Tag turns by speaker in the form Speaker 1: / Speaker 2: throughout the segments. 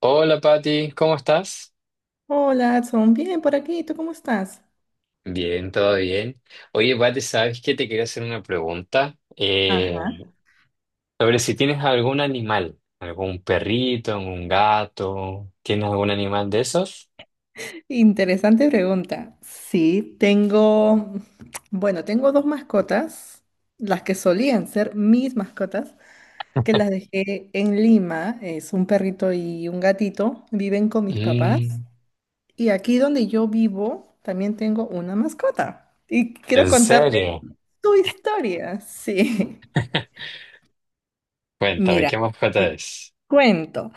Speaker 1: Hola Patti, ¿cómo estás?
Speaker 2: Hola, Adson. Bien, por aquí. ¿Tú cómo estás?
Speaker 1: Bien, todo bien. Oye, Pati, ¿sabes qué? Te quería hacer una pregunta
Speaker 2: Ajá.
Speaker 1: sobre si tienes algún animal, algún perrito, un gato, ¿tienes algún animal de esos?
Speaker 2: Interesante pregunta. Sí, tengo, bueno, tengo dos mascotas, las que solían ser mis mascotas, que las dejé en Lima. Es un perrito y un gatito. Viven con mis papás.
Speaker 1: Mm,
Speaker 2: Y aquí donde yo vivo, también tengo una mascota. Y quiero
Speaker 1: ¿en
Speaker 2: contarte
Speaker 1: serio?
Speaker 2: tu historia. Sí.
Speaker 1: Cuéntame,
Speaker 2: Mira.
Speaker 1: ¿qué mascota es?
Speaker 2: Cuento,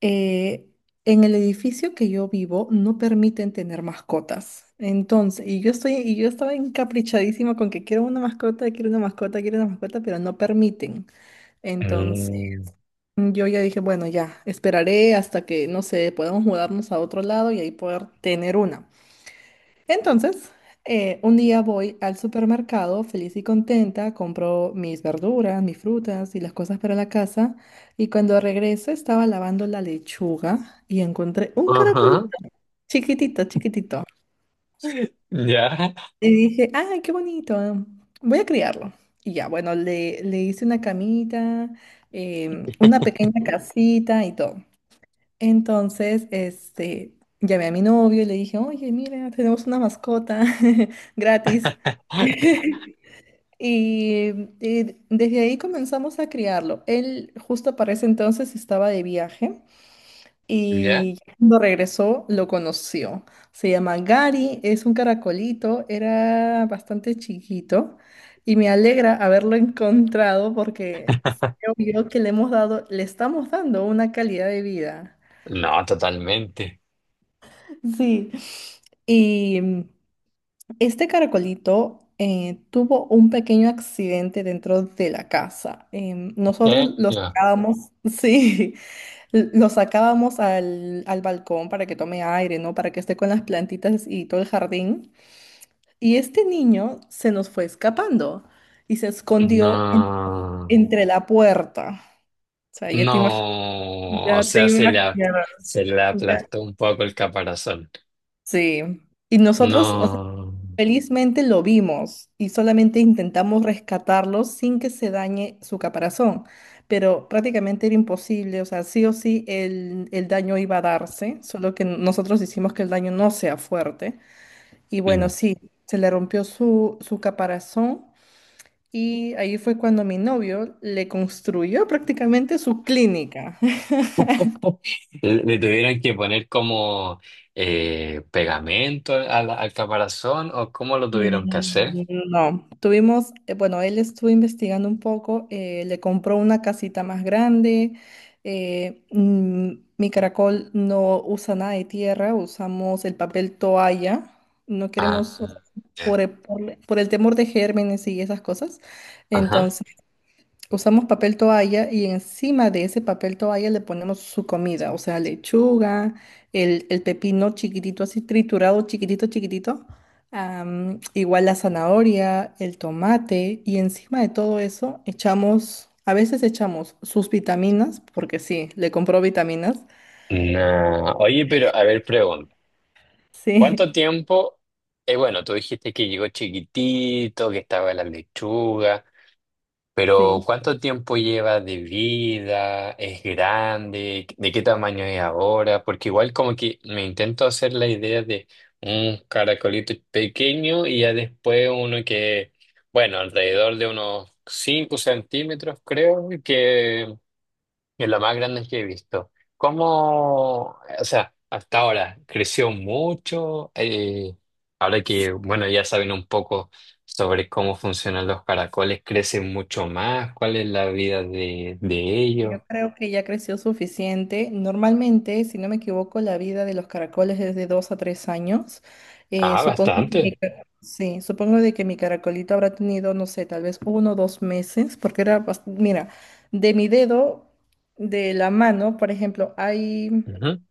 Speaker 2: eh, en el edificio que yo vivo no permiten tener mascotas. Entonces, y yo estaba encaprichadísima con que quiero una mascota, quiero una mascota, quiero una mascota, pero no permiten. Entonces,
Speaker 1: Mm,
Speaker 2: yo ya dije, bueno, ya, esperaré hasta que, no sé, podamos mudarnos a otro lado y ahí poder tener una. Entonces, un día voy al supermercado feliz y contenta, compro mis verduras, mis frutas y las cosas para la casa. Y cuando regreso estaba lavando la lechuga y encontré un caracolito,
Speaker 1: ajá,
Speaker 2: chiquitito, chiquitito.
Speaker 1: ¿ya?
Speaker 2: Y dije, ¡ay, qué bonito! Voy a criarlo. Y ya, bueno, le hice una camita, una pequeña casita y todo. Entonces, este, llamé a mi novio y le dije, oye, mira, tenemos una mascota gratis. Y, y desde ahí comenzamos a criarlo. Él justo para ese entonces estaba de viaje
Speaker 1: ¿Ya?
Speaker 2: y cuando regresó lo conoció. Se llama Gary, es un caracolito, era bastante chiquito y me alegra haberlo encontrado porque creo yo que le estamos dando una calidad de vida.
Speaker 1: No, totalmente.
Speaker 2: Sí. Y este caracolito tuvo un pequeño accidente dentro de la casa. Nosotros
Speaker 1: ¿En
Speaker 2: lo
Speaker 1: serio?
Speaker 2: sacábamos, sí, lo sacábamos al balcón para que tome aire, ¿no? Para que esté con las plantitas y todo el jardín. Y este niño se nos fue escapando y se escondió
Speaker 1: No.
Speaker 2: entre la puerta. O sea,
Speaker 1: No, o
Speaker 2: ya te
Speaker 1: sea,
Speaker 2: imaginarás.
Speaker 1: se le
Speaker 2: Ya.
Speaker 1: aplastó un poco el caparazón.
Speaker 2: Sí. Y nosotros,
Speaker 1: No.
Speaker 2: Felizmente lo vimos y solamente intentamos rescatarlo sin que se dañe su caparazón, pero prácticamente era imposible, o sea, sí o sí el daño iba a darse, solo que nosotros hicimos que el daño no sea fuerte. Y bueno,
Speaker 1: Mm.
Speaker 2: sí, se le rompió su caparazón y ahí fue cuando mi novio le construyó prácticamente su clínica.
Speaker 1: Le tuvieron que poner como pegamento al caparazón o cómo lo tuvieron que hacer.
Speaker 2: Mm, No, tuvimos, bueno, él estuvo investigando un poco, le compró una casita más grande. eh, mm, Mi caracol no usa nada de tierra, usamos el papel toalla. No queremos, o sea,
Speaker 1: Ah, ya.
Speaker 2: por el temor de gérmenes y esas cosas.
Speaker 1: Ajá.
Speaker 2: Entonces, usamos papel toalla y encima de ese papel toalla le ponemos su comida, o sea, lechuga, el pepino chiquitito, así triturado, chiquitito, chiquitito, igual la zanahoria, el tomate y encima de todo eso echamos, a veces echamos sus vitaminas, porque sí, le compró vitaminas,
Speaker 1: No. Oye, pero a ver, pregunta.
Speaker 2: sí,
Speaker 1: ¿Cuánto tiempo? Bueno, tú dijiste que llegó chiquitito, que estaba la lechuga. Pero
Speaker 2: sí.
Speaker 1: ¿cuánto tiempo lleva de vida? ¿Es grande? ¿De qué tamaño es ahora? Porque igual como que me intento hacer la idea de un caracolito pequeño y ya después uno que, bueno, alrededor de unos 5 centímetros creo, que es lo más grande que he visto. ¿Cómo, o sea, hasta ahora creció mucho? Ahora que, bueno, ya saben un poco sobre cómo funcionan los caracoles, ¿crecen mucho más? ¿Cuál es la vida de ellos?
Speaker 2: Yo creo que ya creció suficiente. Normalmente, si no me equivoco, la vida de los caracoles es de 2 a 3 años.
Speaker 1: Ah,
Speaker 2: Supongo que
Speaker 1: bastante.
Speaker 2: sí, supongo de que mi caracolito habrá tenido, no sé, tal vez 1 o 2 meses, porque mira, de mi dedo, de la mano, por ejemplo, hay.
Speaker 1: Ujú.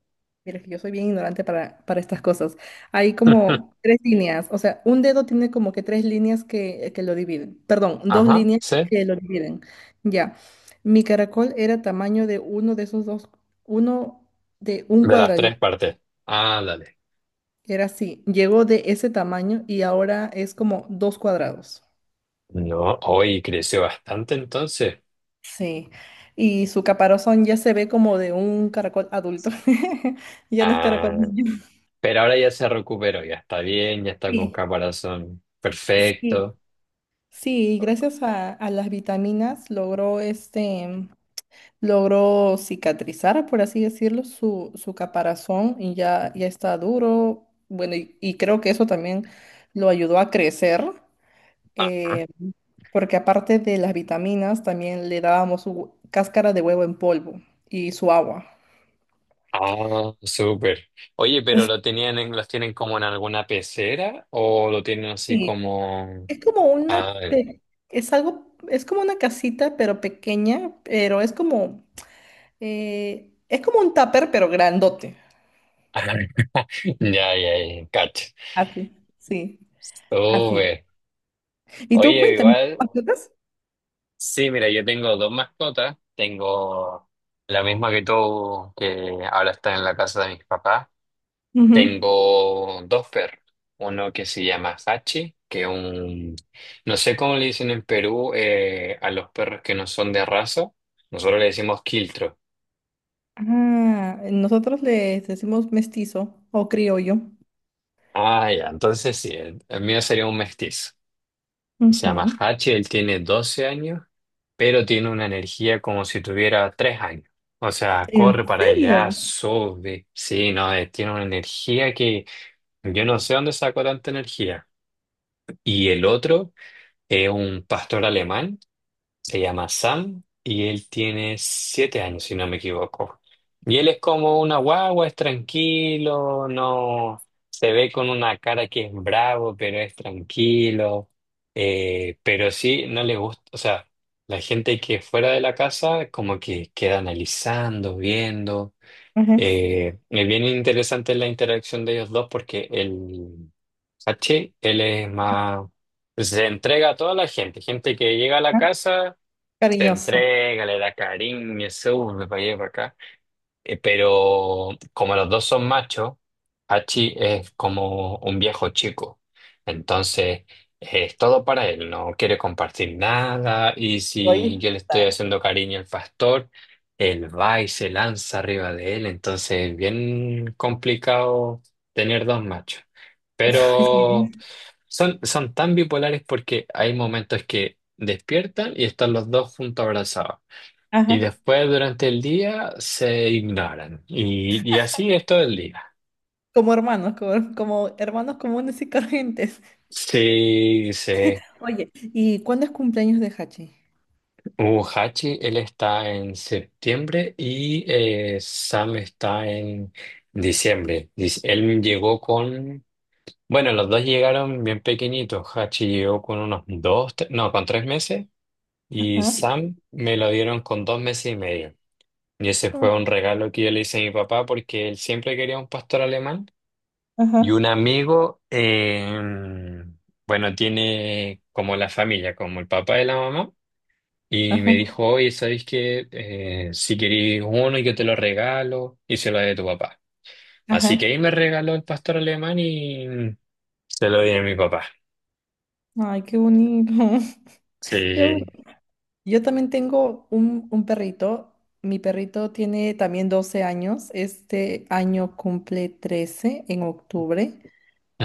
Speaker 2: Mira, que yo soy bien ignorante para estas cosas. Hay como 3 líneas, o sea, un dedo tiene como que 3 líneas que lo dividen. Perdón, dos
Speaker 1: Ajá,
Speaker 2: líneas
Speaker 1: sí.
Speaker 2: que lo dividen. Ya. Mi caracol era tamaño de uno de esos dos, uno de un
Speaker 1: De las tres
Speaker 2: cuadradito.
Speaker 1: partes. Ah, dale.
Speaker 2: Era así. Llegó de ese tamaño y ahora es como 2 cuadrados.
Speaker 1: No, hoy creció bastante entonces.
Speaker 2: Sí. Y su caparazón ya se ve como de un caracol adulto. Ya no es caracol
Speaker 1: Ah,
Speaker 2: niño.
Speaker 1: pero ahora ya se recuperó, ya está bien, ya está con
Speaker 2: Sí,
Speaker 1: caparazón
Speaker 2: sí.
Speaker 1: perfecto.
Speaker 2: Sí, gracias a las vitaminas logró cicatrizar, por así decirlo, su caparazón y ya está duro. Bueno, y creo que eso también lo ayudó a crecer, eh, porque aparte de las vitaminas, también le dábamos cáscara de huevo en polvo y su agua.
Speaker 1: Ah, súper. Oye, pero lo tenían los tienen como en alguna pecera o lo tienen así
Speaker 2: Sí,
Speaker 1: como.
Speaker 2: es como una,
Speaker 1: Ah,
Speaker 2: pe- es algo, es como una casita, pero pequeña, pero es como un tupper, pero grandote.
Speaker 1: ah, ya, ya, ya, cacho.
Speaker 2: Así, sí, así.
Speaker 1: Súper.
Speaker 2: Y tú
Speaker 1: Oye,
Speaker 2: cuéntame, ¿tienes
Speaker 1: igual,
Speaker 2: mascotas?
Speaker 1: sí, mira, yo tengo dos mascotas. Tengo la misma que tú, que ahora está en la casa de mis papás.
Speaker 2: Ujú.
Speaker 1: Tengo dos perros. Uno que se llama Hachi, que es un. No sé cómo le dicen en Perú a los perros que no son de raza. Nosotros le decimos quiltro.
Speaker 2: Ah, nosotros les decimos mestizo o criollo.
Speaker 1: Ah, ya, entonces sí, el mío sería un mestizo. Se llama
Speaker 2: Ujú.
Speaker 1: Hachi, él tiene 12 años, pero tiene una energía como si tuviera 3 años. O sea,
Speaker 2: ¿En
Speaker 1: corre para allá,
Speaker 2: serio?
Speaker 1: sube. Sí, no, tiene una energía que yo no sé dónde sacó tanta energía. Y el otro es un pastor alemán. Se llama Sam y él tiene 7 años, si no me equivoco. Y él es como una guagua, es tranquilo, no se ve con una cara que es bravo, pero es tranquilo. Pero sí, no le gusta, o sea, la gente que fuera de la casa como que queda analizando, viendo.
Speaker 2: Ujú.
Speaker 1: Es bien interesante la interacción de ellos dos porque el ¿Cachai? Él es más. Pues, se entrega a toda la gente, gente que llega a la
Speaker 2: Ah,
Speaker 1: casa, se
Speaker 2: cariñoso.
Speaker 1: entrega, le da cariño, se sube para allá y para acá. Pero como los dos son machos, Hachi es como un viejo chico. Entonces, es todo para él, no quiere compartir nada. Y si yo le
Speaker 2: Egoísta.
Speaker 1: estoy haciendo cariño al pastor, él va y se lanza arriba de él. Entonces, es bien complicado tener dos machos.
Speaker 2: Ay,
Speaker 1: Pero
Speaker 2: sí.
Speaker 1: son tan bipolares porque hay momentos que despiertan y están los dos juntos abrazados y
Speaker 2: Ajá.
Speaker 1: después durante el día se ignoran. Y así es todo el día.
Speaker 2: Como hermanos, como hermanos comunes y corrientes.
Speaker 1: Sí, sí.
Speaker 2: Oye, ¿y cuándo es cumpleaños de Hachi?
Speaker 1: Hachi, él está en septiembre y Sam está en diciembre. Dice, él llegó bueno, los dos llegaron bien pequeñitos. Hachi llegó con unos no, con 3 meses y
Speaker 2: Ajá.
Speaker 1: Sam me lo dieron con 2 meses y medio. Y ese fue un
Speaker 2: Oh,
Speaker 1: regalo que yo le hice a mi papá porque él siempre quería un pastor alemán. Y
Speaker 2: ajá.
Speaker 1: un amigo, bueno, tiene como la familia, como el papá de la mamá, y me
Speaker 2: Ajá.
Speaker 1: dijo, oye, ¿sabéis qué? Si queréis uno, yo te lo regalo y se lo doy a tu papá. Así que
Speaker 2: Ajá.
Speaker 1: ahí me regaló el pastor alemán y se lo di a mi papá.
Speaker 2: Ay, qué bonito. Qué
Speaker 1: Sí.
Speaker 2: Yo también tengo un perrito. Mi perrito tiene también 12 años. Este año cumple 13 en octubre.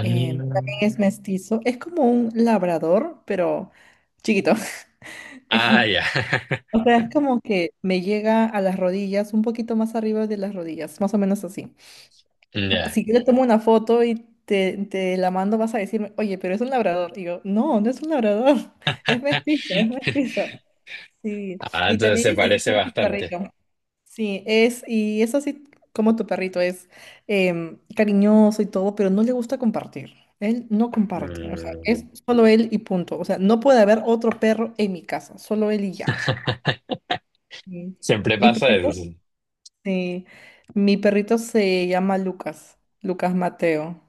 Speaker 2: También es mestizo. Es como un labrador, pero chiquito.
Speaker 1: Ah, ya.
Speaker 2: O sea, es como que me llega a las rodillas, un poquito más arriba de las rodillas, más o menos así.
Speaker 1: Ya.
Speaker 2: Si yo le tomo una foto y te la mando, vas a decirme, oye, pero es un labrador. Y yo, no, no es un labrador, es mestizo, es mestizo. Sí,
Speaker 1: Ah,
Speaker 2: y
Speaker 1: entonces
Speaker 2: también
Speaker 1: se
Speaker 2: es así
Speaker 1: parece
Speaker 2: como su
Speaker 1: bastante.
Speaker 2: carrillo. Sí, y es así como tu perrito es cariñoso y todo, pero no le gusta compartir. Él no comparte, o sea, es
Speaker 1: Mm.
Speaker 2: solo él y punto. O sea, no puede haber otro perro en mi casa, solo él y ya. Sí.
Speaker 1: Siempre
Speaker 2: Mi
Speaker 1: pasa
Speaker 2: perrito,
Speaker 1: eso, sí.
Speaker 2: sí, mi perrito se llama Lucas, Lucas Mateo.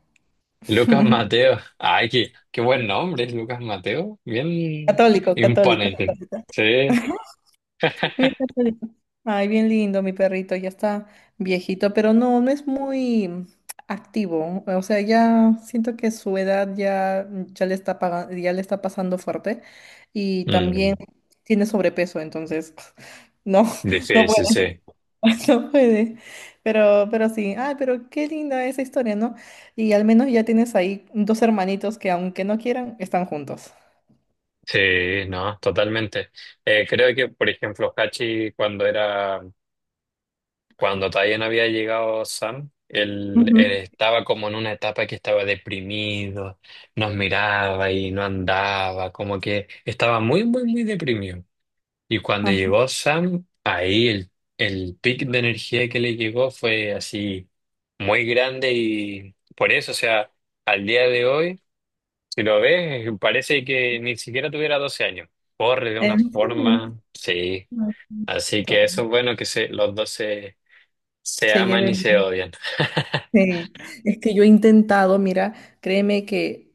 Speaker 1: Lucas Mateo. Ay, qué buen nombre, Lucas Mateo. Bien
Speaker 2: Católico, católico.
Speaker 1: imponente. Sí.
Speaker 2: Bien cachorrito. Ay, bien lindo, mi perrito, ya está viejito, pero no, no es muy activo. O sea, ya siento que su edad ya, ya le está pasando fuerte y
Speaker 1: Mm,
Speaker 2: también tiene sobrepeso, entonces no, no
Speaker 1: sí,
Speaker 2: puede,
Speaker 1: sí, sí.
Speaker 2: no puede. Pero sí, ay, pero qué linda esa historia, ¿no? Y al menos ya tienes ahí dos hermanitos que aunque no quieran, están juntos.
Speaker 1: Sí, no, totalmente. Creo que, por ejemplo, Hachi, cuando era, cuando todavía no había llegado Sam, él
Speaker 2: Ujú.
Speaker 1: estaba como en una etapa que estaba deprimido, nos miraba y no andaba, como que estaba muy, muy, muy deprimido. Y cuando
Speaker 2: Ajá.
Speaker 1: llegó Sam, ahí el pic de energía que le llegó fue así muy grande y por eso, o sea, al día de hoy, si lo ves, parece que ni siquiera tuviera 12 años. Corre de una
Speaker 2: ¿En serio?
Speaker 1: forma, sí.
Speaker 2: Ah,
Speaker 1: Así que eso
Speaker 2: bonito.
Speaker 1: es bueno que los dos se
Speaker 2: Se
Speaker 1: aman y
Speaker 2: lleven.
Speaker 1: se odian.
Speaker 2: Sí, es que yo he intentado, mira, créeme que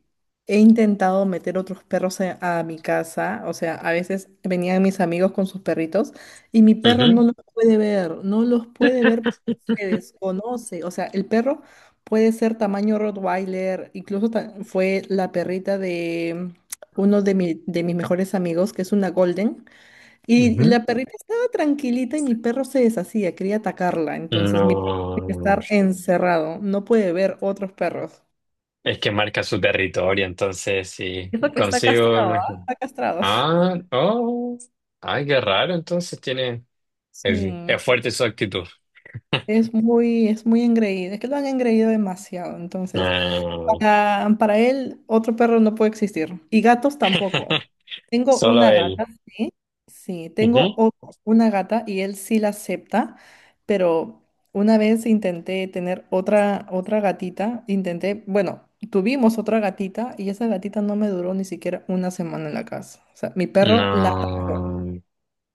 Speaker 2: he intentado meter otros perros a mi casa, o sea, a veces venían mis amigos con sus perritos y mi perro no
Speaker 1: Ujú,
Speaker 2: los puede ver, no los puede ver porque se desconoce, o sea, el perro puede ser tamaño Rottweiler, incluso fue la perrita de uno de mis mejores amigos, que es una Golden. Y
Speaker 1: ujú.
Speaker 2: la perrita estaba tranquilita y mi perro se deshacía, quería atacarla. Entonces mi perro tiene
Speaker 1: No,
Speaker 2: que estar encerrado, no puede ver otros perros.
Speaker 1: es que marca su territorio, entonces sí,
Speaker 2: Eso que está
Speaker 1: consigo.
Speaker 2: castrado, ¿ah? Está castrado.
Speaker 1: Ah, oh. Ay, qué raro, entonces tiene. Es,
Speaker 2: Sí,
Speaker 1: es fuerte su actitud.
Speaker 2: es muy engreído. Es que lo han engreído demasiado, entonces.
Speaker 1: ¿No?
Speaker 2: Para él, otro perro no puede existir. Y gatos tampoco. Tengo
Speaker 1: Solo
Speaker 2: una
Speaker 1: él.
Speaker 2: gata, sí. Sí, tengo
Speaker 1: Ujú.
Speaker 2: una gata y él sí la acepta, pero una vez intenté tener otra gatita, bueno, tuvimos otra gatita y esa gatita no me duró ni siquiera una semana en la casa. O sea, mi perro la...
Speaker 1: No.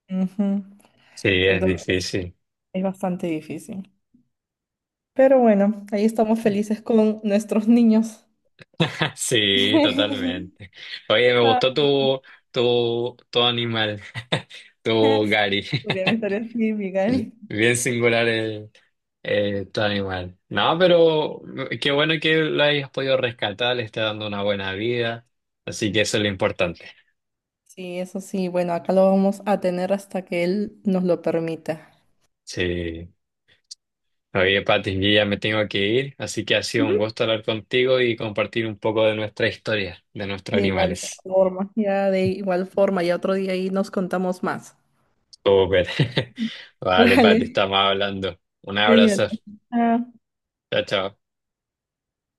Speaker 2: Ujú.
Speaker 1: Sí, es
Speaker 2: Entonces
Speaker 1: difícil.
Speaker 2: es bastante difícil. Pero bueno, ahí estamos felices con nuestros niños.
Speaker 1: Sí, totalmente. Oye, me
Speaker 2: Ay.
Speaker 1: gustó tu, animal, tu Gary.
Speaker 2: Podrían estar así, Miguel.
Speaker 1: Bien singular tu animal. No, pero qué bueno que lo hayas podido rescatar, le está dando una buena vida. Así que eso es lo importante.
Speaker 2: Sí, eso sí. Bueno, acá lo vamos a tener hasta que él nos lo permita.
Speaker 1: Sí. Oye, Pati, yo ya me tengo que ir, así que ha sido un
Speaker 2: Ujú.
Speaker 1: gusto hablar contigo y compartir un poco de nuestra historia, de nuestros
Speaker 2: De igual
Speaker 1: animales.
Speaker 2: forma, ya de igual forma, ya otro día ahí nos contamos más.
Speaker 1: Súper. Vale,
Speaker 2: Vale,
Speaker 1: Pati, estamos hablando. Un abrazo.
Speaker 2: cuídate. Chao.
Speaker 1: Chao, chao.